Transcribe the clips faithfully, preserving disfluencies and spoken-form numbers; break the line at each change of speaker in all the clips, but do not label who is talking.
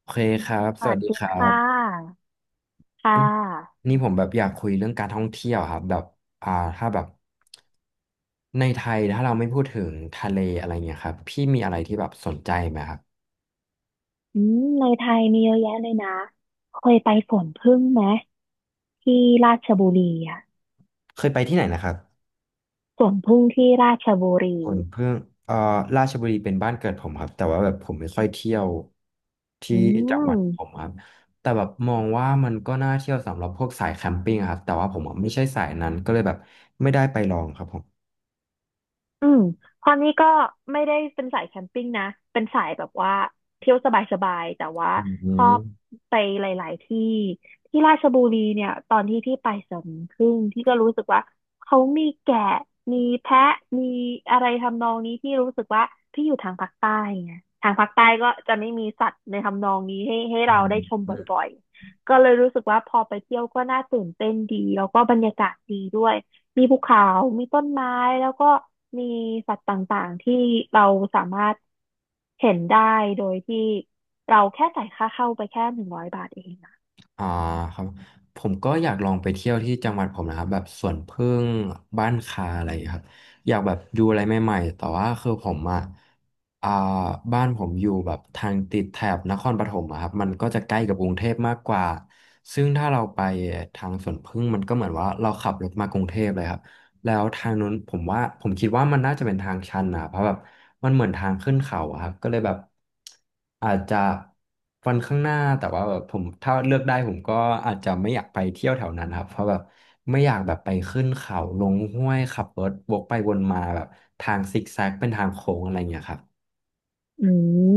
โอเคครับ
ส
ส
วั
วัส
ส
ดี
ดี
ครั
ค่
บ
ะ ค่ะ
นี่ผมแบบอยากคุยเรื่องการท่องเที่ยวครับแบบอ่าถ้าแบบในไทยถ้าเราไม่พูดถึงทะเลอะไรเงี้ยครับพี่มีอะไรที่แบบสนใจไหมครับ
อืมในไทยมีเยอะแยะเลยนะ เคยไปสวนผึ้งไหมที่ราชบุรีอ่ะ
เคยไปที่ไหนนะครับ
สวนผึ้งที่ราชบุรี
ผมเพิ่งเอ่อราชบุรีเป็นบ้านเกิดผมครับแต่ว่าแบบผมไม่ค่อยเที่ยวที่
อื
จังหวัดผม
ม
ครับแต่แบบมองว่ามันก็น่าเที่ยวสำหรับพวกสายแคมปิ้งอะครับแต่ว่าผมอะไม่ใช่สายนั้นก็เลยแบบไม่ได้ไปลองครับผม
อืมพอนี้ก็ไม่ได้เป็นสายแคมปิ้งนะเป็นสายแบบว่าเที่ยวสบายๆแต่ว่า
อื
ชอบ
ม
ไปหลายๆที่ที่ราชบุรีเนี่ยตอนที่พี่ไปสวนผึ่งที่ก็รู้สึกว่าเขามีแกะมีแพะมีอะไรทำนองนี้ที่รู้สึกว่าพี่อยู่ทางภาคใต้ไงทางภาคใต้ก็จะไม่มีสัตว์ในทำนองนี้ให้ให้
อื
เราได้ชมบ
ม
่อยๆก็เลยรู้สึกว่าพอไปเที่ยวก็น่าตื่นเต้นดีแล้วก็บรรยากาศดีด้วย มีภูเขามีต้นไม้ แล้วก็มีสัตว์ต่างๆที่เราสามารถเห็นได้โดยที่เราแค่จ่ายค่าเข้าไปแค่หนึ่งร้อยบาทเองนะ
อ่าครับผมก็อยากลองไปเที่ยวที่จังหวัดผมนะครับแบบสวนผึ้งบ้านคาอะไรอย่างเงี้ยครับอยากแบบดูอะไรใหม่ๆแต่ว่าคือผมอ่ะอ่าบ้านผมอยู่แบบทางติดแถบนครปฐมอะครับมันก็จะใกล้กับกรุงเทพมากกว่าซึ่งถ้าเราไปทางสวนผึ้งมันก็เหมือนว่าเราขับรถมากรุงเทพเลยครับ แล้วทางนู้นผมว่าผมคิดว่ามันน่าจะเป็นทางชันนะเพราะแบบมันเหมือนทางขึ้นเขาอะครับก็เลยแบบอาจจะวันข้างหน้าแต่ว่าแบบผมถ้าเลือกได้ผมก็อาจจะไม่อยากไปเที่ยวแถวนั้นครับเพราะแบบไม่อยากแบบไปขึ้นเขาลงห้วยขับรถวกไปวนมาแบบทางซิกแซกเป็นทางโค้งอะไรอย่างเงี้ยครับ
อืม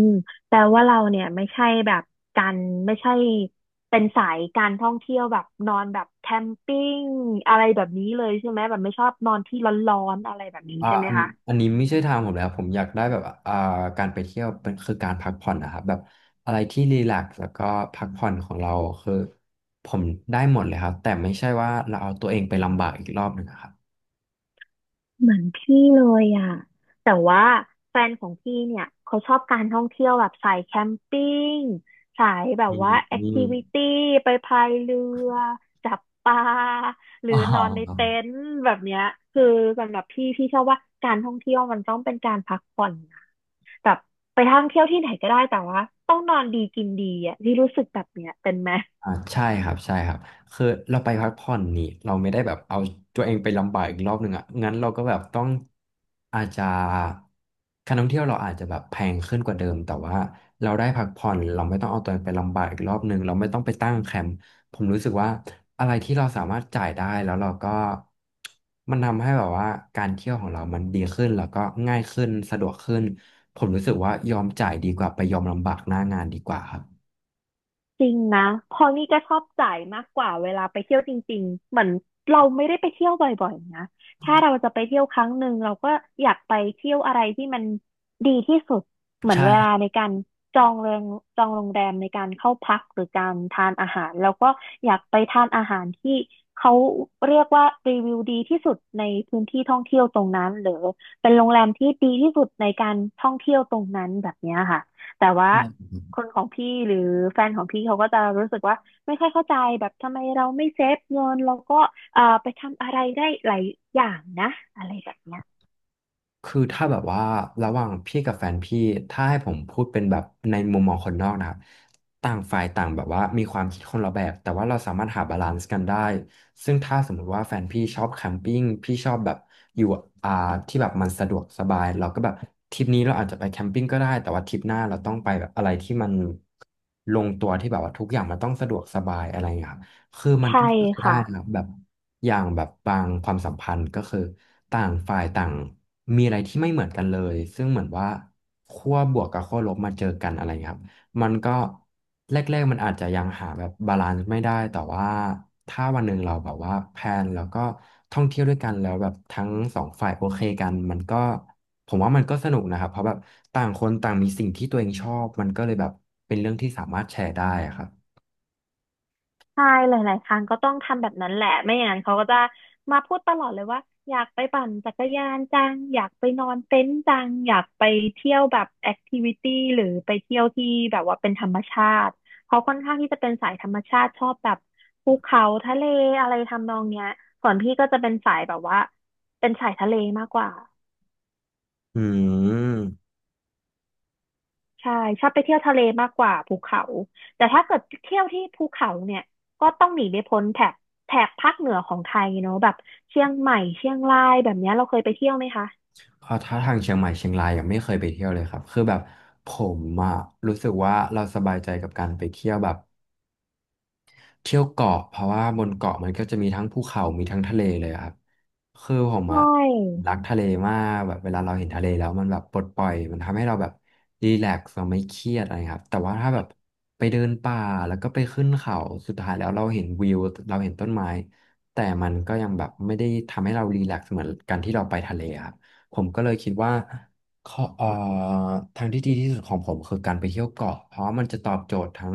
แปลว่าเราเนี่ยไม่ใช่แบบการไม่ใช่เป็นสายการท่องเที่ยวแบบนอนแบบแคมปิ้งอะไรแบบนี้เลยใช่ไหมแบบไม่ชอบนอนที่ร้อนๆอะไรแบบนี้
อ่า
ใช่ไหม
อัน
คะ
อันนี้ไม่ใช่ทางผมเลยครับผมอยากได้แบบอ่าการไปเที่ยวเป็นคือการพักผ่อนนะครับแบบอะไรที่รีแลกซ์แล้วก็พักผ่อนของเราคือผมได้หมดเลยครับแต่ไม่ใช่ว่าเราเอาตัวเองไปลำบากอีกรอบหนึ่งอะครับ
เหมือนพี่เลยอ่ะแต่ว่าแฟนของพี่เนี่ยเขาชอบการท่องเที่ยวแบบสายแคมปิ้งสายแบบ
อืม
ว่า
อ
แอค
ม
ทิวิตี้ไปพายเรือจับปลาหรือ
อ๋
นอนในเต็
อ
นท์แบบเนี้ยคือสำหรับพี่พี่ชอบว่าการท่องเที่ยวมันต้องเป็นการพักผ่อนนะแบบไปท่องเที่ยวที่ไหนก็ได้แต่ว่าต้องนอนดีกินดีอ่ะพี่รู้สึกแบบเนี้ยเป็นไหม
อ่าใช่ครับใช่ครับคือเราไปพักผ่อนนี่เราไม่ได้แบบเอาตัวเองไปลำบากอีกรอบหนึ่งอ่ะงั้นเราก็แบบต้องอาจจะการท่องเที่ยวเราอาจจะแบบแพงขึ้นกว่าเดิมแต่ว่าเราได้พักผ่อนเราไม่ต้องเอาตัวเองไปลำบากอีกรอบหนึ่งเราไม่ต้องไปตั้งแคมป์ผมรู้สึกว่าอะไรที่เราสามารถจ่ายได้แล้วเราก็มันทำให้แบบว่าการเที่ยวของเรามันดีขึ้นแล้วก็ง่ายขึ้นสะดวกขึ้นผมรู้สึกว่ายอมจ่ายดีกว่าไปยอมลำบากหน้างานดีกว่าครับ
จริงนะเพอนี่ก็ชอบจ่ายมากกว่าเวลาไปเที่ยวจริงๆเหมือนเราไม่ได้ไปเที่ยวบ่อยๆนะ ถ้าเราจะไปเที่ยวครั้งหนึ่งเราก็อยากไปเที่ยวอะไรที่มันดีที่สุดเหมือน
ใช่
เวลาในการจองโรงจองโรงแรมในการเข้าพักหรือการทานอาหารเราก็อยากไปทานอาหารที่เขาเรียกว่ารีวิวดีที่สุดในพื้นที่ท่องเที่ยวตรงนั้นหรือเป็นโรงแรมที่ดีที่สุดในการท่องเที่ยวตรงนั้นแบบเนี้ยค่ะแต่ว่า คนของพี่หรือแฟนของพี่เขาก็จะรู้สึกว่าไม่ค่อยเข้าใจแบบทำไมเราไม่เซฟเงินเราก็เอ่อไปทำอะไรได้หลายอย่างนะอะไรแบบเนี้ย
คือถ้าแบบว่าระหว่างพี่กับแฟนพี่ถ้าให้ผมพูดเป็นแบบในมุมมองคนนอกนะครับต่างฝ่ายต่างแบบว่ามีความคิดคนละแบบแต่ว่าเราสามารถหาบาลานซ์กันได้ซึ่งถ้าสมมุติว่าแฟนพี่ชอบแคมปิ้งพี่ชอบแบบอยู่อ่าที่แบบมันสะดวกสบายเราก็แบบทริปนี้เราอาจจะไปแคมปิ้งก็ได้แต่ว่าทริปหน้าเราต้องไปแบบอะไรที่มันลงตัวที่แบบว่าทุกอย่างมันต้องสะดวกสบายอะไรอย่างเงี้ยครับคือมัน
ใช่
ก็คือได้
ค่ะ
นะครับแบบ อย่างแบบบางความสัมพันธ์ก็คือต่างฝ่ายต่างมีอะไรที่ไม่เหมือนกันเลยซึ่งเหมือนว่าขั้วบวกกับขั้วลบมาเจอกันอะไรเงี้ยครับมันก็แรกๆมันอาจจะยังหาแบบบาลานซ์ไม่ได้แต่ว่าถ้าวันหนึ่งเราแบบว่าแพลนแล้วก็ท่องเที่ยวด้วยกันแล้วแบบทั้งสองฝ่ายโอเคกันมันก็ผมว่ามันก็สนุกนะครับเพราะแบบต่างคนต่างมีสิ่งที่ตัวเองชอบมันก็เลยแบบเป็นเรื่องที่สามารถแชร์ได้อะครับ
ใช่หลายๆครั้งก็ต้องทำแบบนั้นแหละไม่อย่างนั้นเขาก็จะมาพูดตลอดเลยว่าอยากไปปั่นจักรยานจังอยากไปนอนเต็นท์จังอยากไปเที่ยวแบบแอคทิวิตี้หรือไปเที่ยวที่แบบว่าเป็นธรรมชาติเขาค่อนข้างที่จะเป็นสายธรรมชาติชอบแบบภูเขาทะเลอะไรทำนองเนี้ยส่วนพี่ก็จะเป็นสายแบบว่าเป็นสายทะเลมากกว่า
อืม
ใช่ชอบไปเที่ยวทะเลมากกว่าภูเขาแต่ถ้าเกิดเที่ยวที่ภูเขาเนี่ยก็ต้องหนีไม่พ้นแถบแถบภาคเหนือของไทยเนอะแบบเชียงใหม่เชียงรายแบบเนี้ยเราเคยไปเที่ยวไหมคะ
พอถ้าทางเชียงใหม่เชียงรายยังไม่เคยไปเที่ยวเลยครับคือแบบผมอะรู้สึกว่าเราสบายใจกับการไปเที่ยวแบบเที่ยวเกาะเพราะว่าบนเกาะมันก็จะมีทั้งภูเขามีทั้งทะเลเลยครับคือผม
ใช
อะ
่
รักทะเลมากแบบเวลาเราเห็นทะเลแล้วมันแบบปลดปล่อยมันทำให้เราแบบรีแลกซ์เราไม่เครียดอะไรครับแต่ว่าถ้าแบบไปเดินป่าแล้วก็ไปขึ้นเขาสุดท้ายแล้วเราเห็นวิวเราเห็นต้นไม้แต่มันก็ยังแบบไม่ได้ทำให้เรารีแลกซ์เหมือนกันที่เราไปทะเลครับผมก็เลยคิดว่า ข้อเอ่อทางที่ดีที่สุดของผมคือการไปเที่ยวเกาะเพราะมันจะตอบโจทย์ทั้ง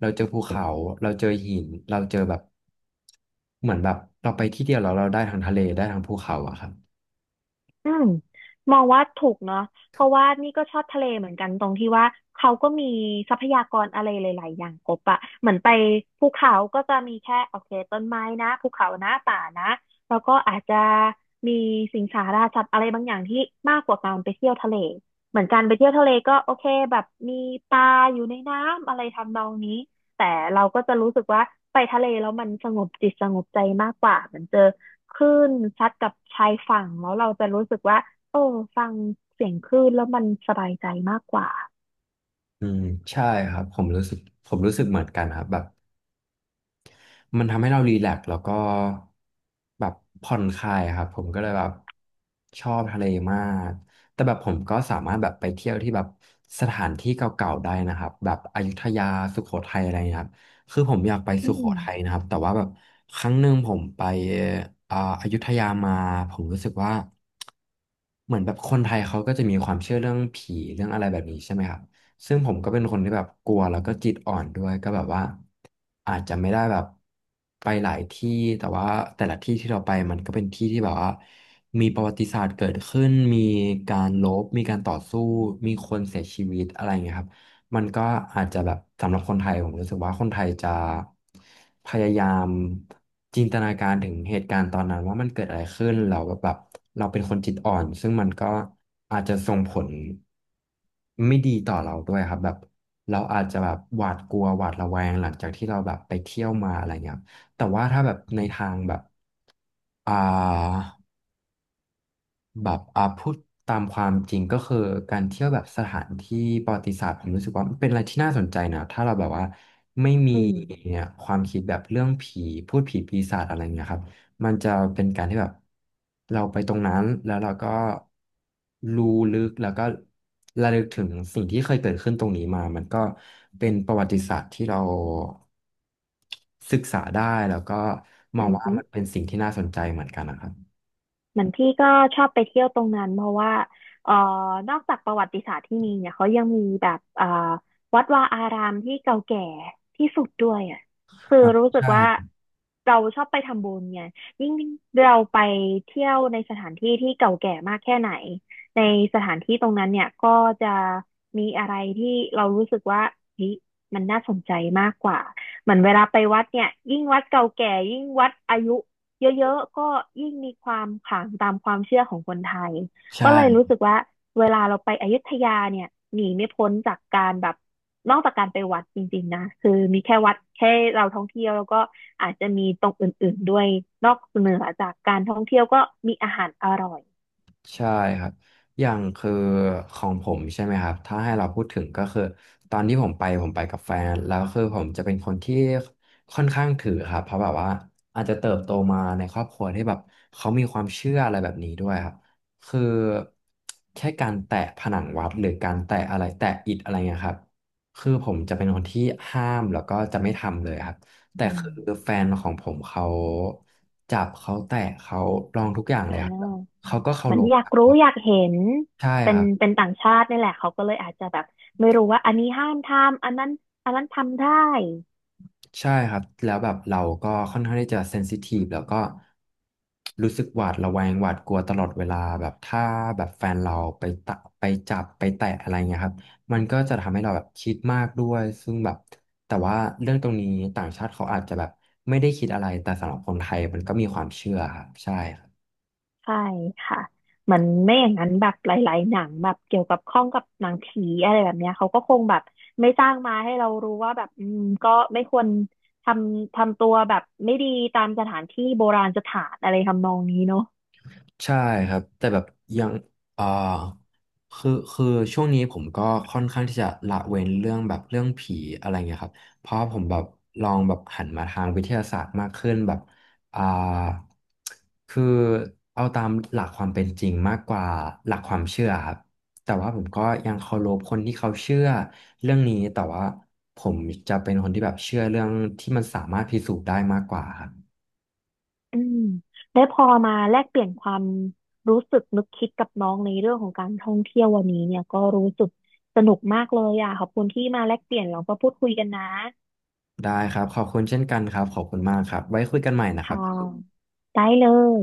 เราเจอภูเขาเราเจอหินเราเจอแบบเหมือนแบบเราไปที่เดียวแล้วเราได้ทั้งทะเลได้ทั้งภูเขาอะครับ
อืมมองว่าถูกเนาะเพราะว่านี่ก็ชอบทะเลเหมือนกันตรงที่ว่าเขาก็มีทรัพยากรอะไรหลายๆอย่างครบอะเหมือนไปภูเขาก็จะมีแค่โอเคต้นไม้นะภูเขานะป่านะแล้วก็อาจจะมีสิงสาราสัตว์อะไรบางอย่างที่มากกว่าการไปเที่ยวทะเลเหมือนการไปเที่ยวทะเลก็โอเคแบบมีปลาอยู่ในน้ำอะไรทำนองนี้แต่เราก็จะรู้สึกว่าไปทะเลแล้วมันสงบจิตสงบใจมากกว่าเหมือนเจอ คลื่นซัดกับชายฝั่งแล้วเราจะรู้สึกว่าโอ้ฟังเสียงคลื่นแล้วมันสบายใจมากกว่า
อืมใช่ครับผมรู้สึกผมรู้สึกเหมือนกันครับแบบ มันทำให้เรารีแลกซ์แล้วก็แบบผ่อนคลายอะครับผมก็เลยแบบชอบทะเลมากแต่แบบผมก็สามารถแบบไปเที่ยวที่แบบสถานที่เก่าๆได้นะครับแบบอยุธยาสุโขทัยอะไรเงี้ยครับคือผมอยากไป
อื
สุโขทัย
ม
นะครับแต่ว่าแบบครั้งหนึ่งผมไปอ่าอยุธยามาผมรู้สึกว่าเหมือนแบบคนไทยเขาก็จะมีความเชื่อเรื่องผีเรื่องอะไรแบบนี้ใช่ไหมครับ ซึ่งผมก็เป็นคนที่แบบกลัวแล้วก็จิตอ่อนด้วยก็แบบว่าอาจจะไม่ได้แบบไปหลายที่แต่ว่าแต่ละที่ที่เราไปมันก็เป็นที่ที่แบบว่ามีประวัติศาสตร์เกิดขึ้นมีการรบมีการต่อสู้มีคนเสียชีวิตอะไรอย่างเงี้ยครับ มันก็อาจจะแบบสำหรับคนไทยผมรู้สึกว่าคนไทยจะพยายามจินตนาการถึงเหตุการณ์ตอนนั้นว่ามันเกิดอะไรขึ้นเราแบบแบบเราเป็นคนจิตอ่อนซึ่งมันก็อาจจะส่งผลไม่ดีต่อเราด้วยครับแบบเราอาจจะแบบหวาดกลัวหวาดระแวงหลังจากที่เราแบบไปเที่ยวมาอะไรเงี้ยครับแต่ว่าถ้าแบบในทางแบบอ่า แบบอ่าพูดตามความจริงก็คือการเที่ยวแบบสถานที่ประวัติศาสตร์ผมรู้สึกว่ามันเป็นอะไรที่น่าสนใจนะถ้าเราแบบว่าไม่มี
อืม
เนี่ยความคิดแบบเรื่องผีพูดผีปีศาจอะไรเงี้ยครับมันจะเป็นการที่แบบเราไปตรงนั้นแล้วเราก็รู้ลึกแล้วก็ระลึกถึงสิ่งที่เคยเกิดขึ้นตรงนี้มามันก็เป็นประวัติศาสตร์ที่เราศึกษาได้แล้วก็มอ
อื
งว่า
ม
มันเป็นสิ่งที่น่าสนใจเหมือนกันนะครับ
เหมือนพี่ก็ชอบไปเที่ยวตรงนั้นเพราะว่าเอ่อนอกจากประวัติศาสตร์ที่มีเนี่ยเขายังมีแบบเอ่อวัดวาอารามที่เก่าแก่ที่สุดด้วยอ่ะคือ
อ่า
รู้สึก
ใช่
ว่าเราชอบไปทำบุญไงยิ่งเราไปเที่ยวในสถานที่ที่เก่าแก่มากแค่ไหนในสถานที่ตรงนั้นเนี่ยก็จะมีอะไรที่เรารู้สึกว่าเฮ้ยมันน่าสนใจมากกว่าเหมือนเวลาไปวัดเนี่ยยิ่งวัดเก่าแก่ยิ่งวัดอายุ เยอะๆ ก็ยิ่งมีความขลังตามความเชื่อของคนไทยก็เลย
ใช่
รู้สึกว่าเวลาเราไปอยุธยาเนี่ยหนีไม่พ้นจากการแบบนอกจากการไปวัดจริงๆนะคือมีแค่วัดแค่เราท่องเที่ยวแล้วก็อาจจะมีตรงอื่นๆด้วยนอกเหนือจากการท่องเที่ยวก็มีอาหารอร่อย
ใช่ครับอย่างคือของผมใช่ไหมครับถ้าให้เราพูดถึงก็คือตอนที่ผมไปผมไปกับแฟนแล้วคือผมจะเป็นคนที่ค่อนข้างถือครับเพราะแบบว่าอาจจะเติบโตมาในครอบครัวที่แบบเขามีความเชื่ออะไรแบบนี้ด้วยครับคือแค่การแตะผนังวัดหรือการแตะอะไรแตะอิฐอะไรเงี้ยครับคือผมจะเป็นคนที่ห้ามแล้วก็จะไม่ทำเลยครับแต่
อืม
คือแฟนของผมเขาจับเขาแตะเขาลองทุกอย่างเล
อ่
ยครับ
า
เขาก็เคา
เหมั
ร
น
พ
อยา
ค
กรู้
รับ
อยากเห็น
ใช่
เป็
ค
น
รับ
เป็นต่างชาตินี่แหละเขาก็เลยอาจจะแบบไม่รู้ว่าอันนี้ห้ามทำอันนั้นอันนั้นทำได้
ใช่ครับแล้วแบบเราก็ค่อนข้างที่จะเซนซิทีฟแล้วก็รู้สึกหวาดระแวงหวาดกลัวตลอดเวลาแบบถ้าแบบแฟนเราไปตะไปจับไปแตะอะไรเงี้ยครับมันก็จะทำให้เราแบบคิดมากด้วยซึ่งแบบแต่ว่าเรื่องตรงนี้ต่างชาติเขาอาจจะแบบไม่ได้คิดอะไรแต่สำหรับคนไทยมันก็มีความเชื่อครับใช่ครับ
ใช่ค่ะเหมือนไม่อย่างนั้นแบบหลายๆหนังแบบเกี่ยวกับข้องกับหนังผีอะไรแบบเนี้ยเขาก็คงแบบไม่สร้างมาให้เรารู้ว่าแบบอืมก็ไม่ควรทำทำตัวแบบไม่ดีตามสถานที่โบราณสถานอะไรทำนองนี้เนาะ
ใช่ครับแต่แบบยังเอ่อคือคือช่วงนี้ผมก็ค่อนข้างที่จะละเว้นเรื่องแบบเรื่องผีอะไรเงี้ยครับเพราะผมแบบลองแบบหันมาทางวิทยาศาสตร์มากขึ้นแบบอ่าคือเอาตามหลักความเป็นจริงมากกว่าหลักความเชื่อครับแต่ว่าผมก็ยังเคารพคนที่เขาเชื่อเรื่องนี้แต่ว่าผมจะเป็นคนที่แบบเชื่อเรื่องที่มันสามารถพิสูจน์ได้มากกว่าครับ
อืมได้พอมาแลกเปลี่ยนความรู้สึกนึกคิดกับน้องในเรื่องของการท่องเที่ยววันนี้เนี่ยก็รู้สึกสนุกมากเลยอ่ะขอบคุณที่มาแลกเปลี่ยนเราก็พูดคุยกันนะ
ได้ครับขอบคุณเช่นกันครับขอบคุณมากครับไว้คุยกันใหม่นะครับ
ค่ะได้เลย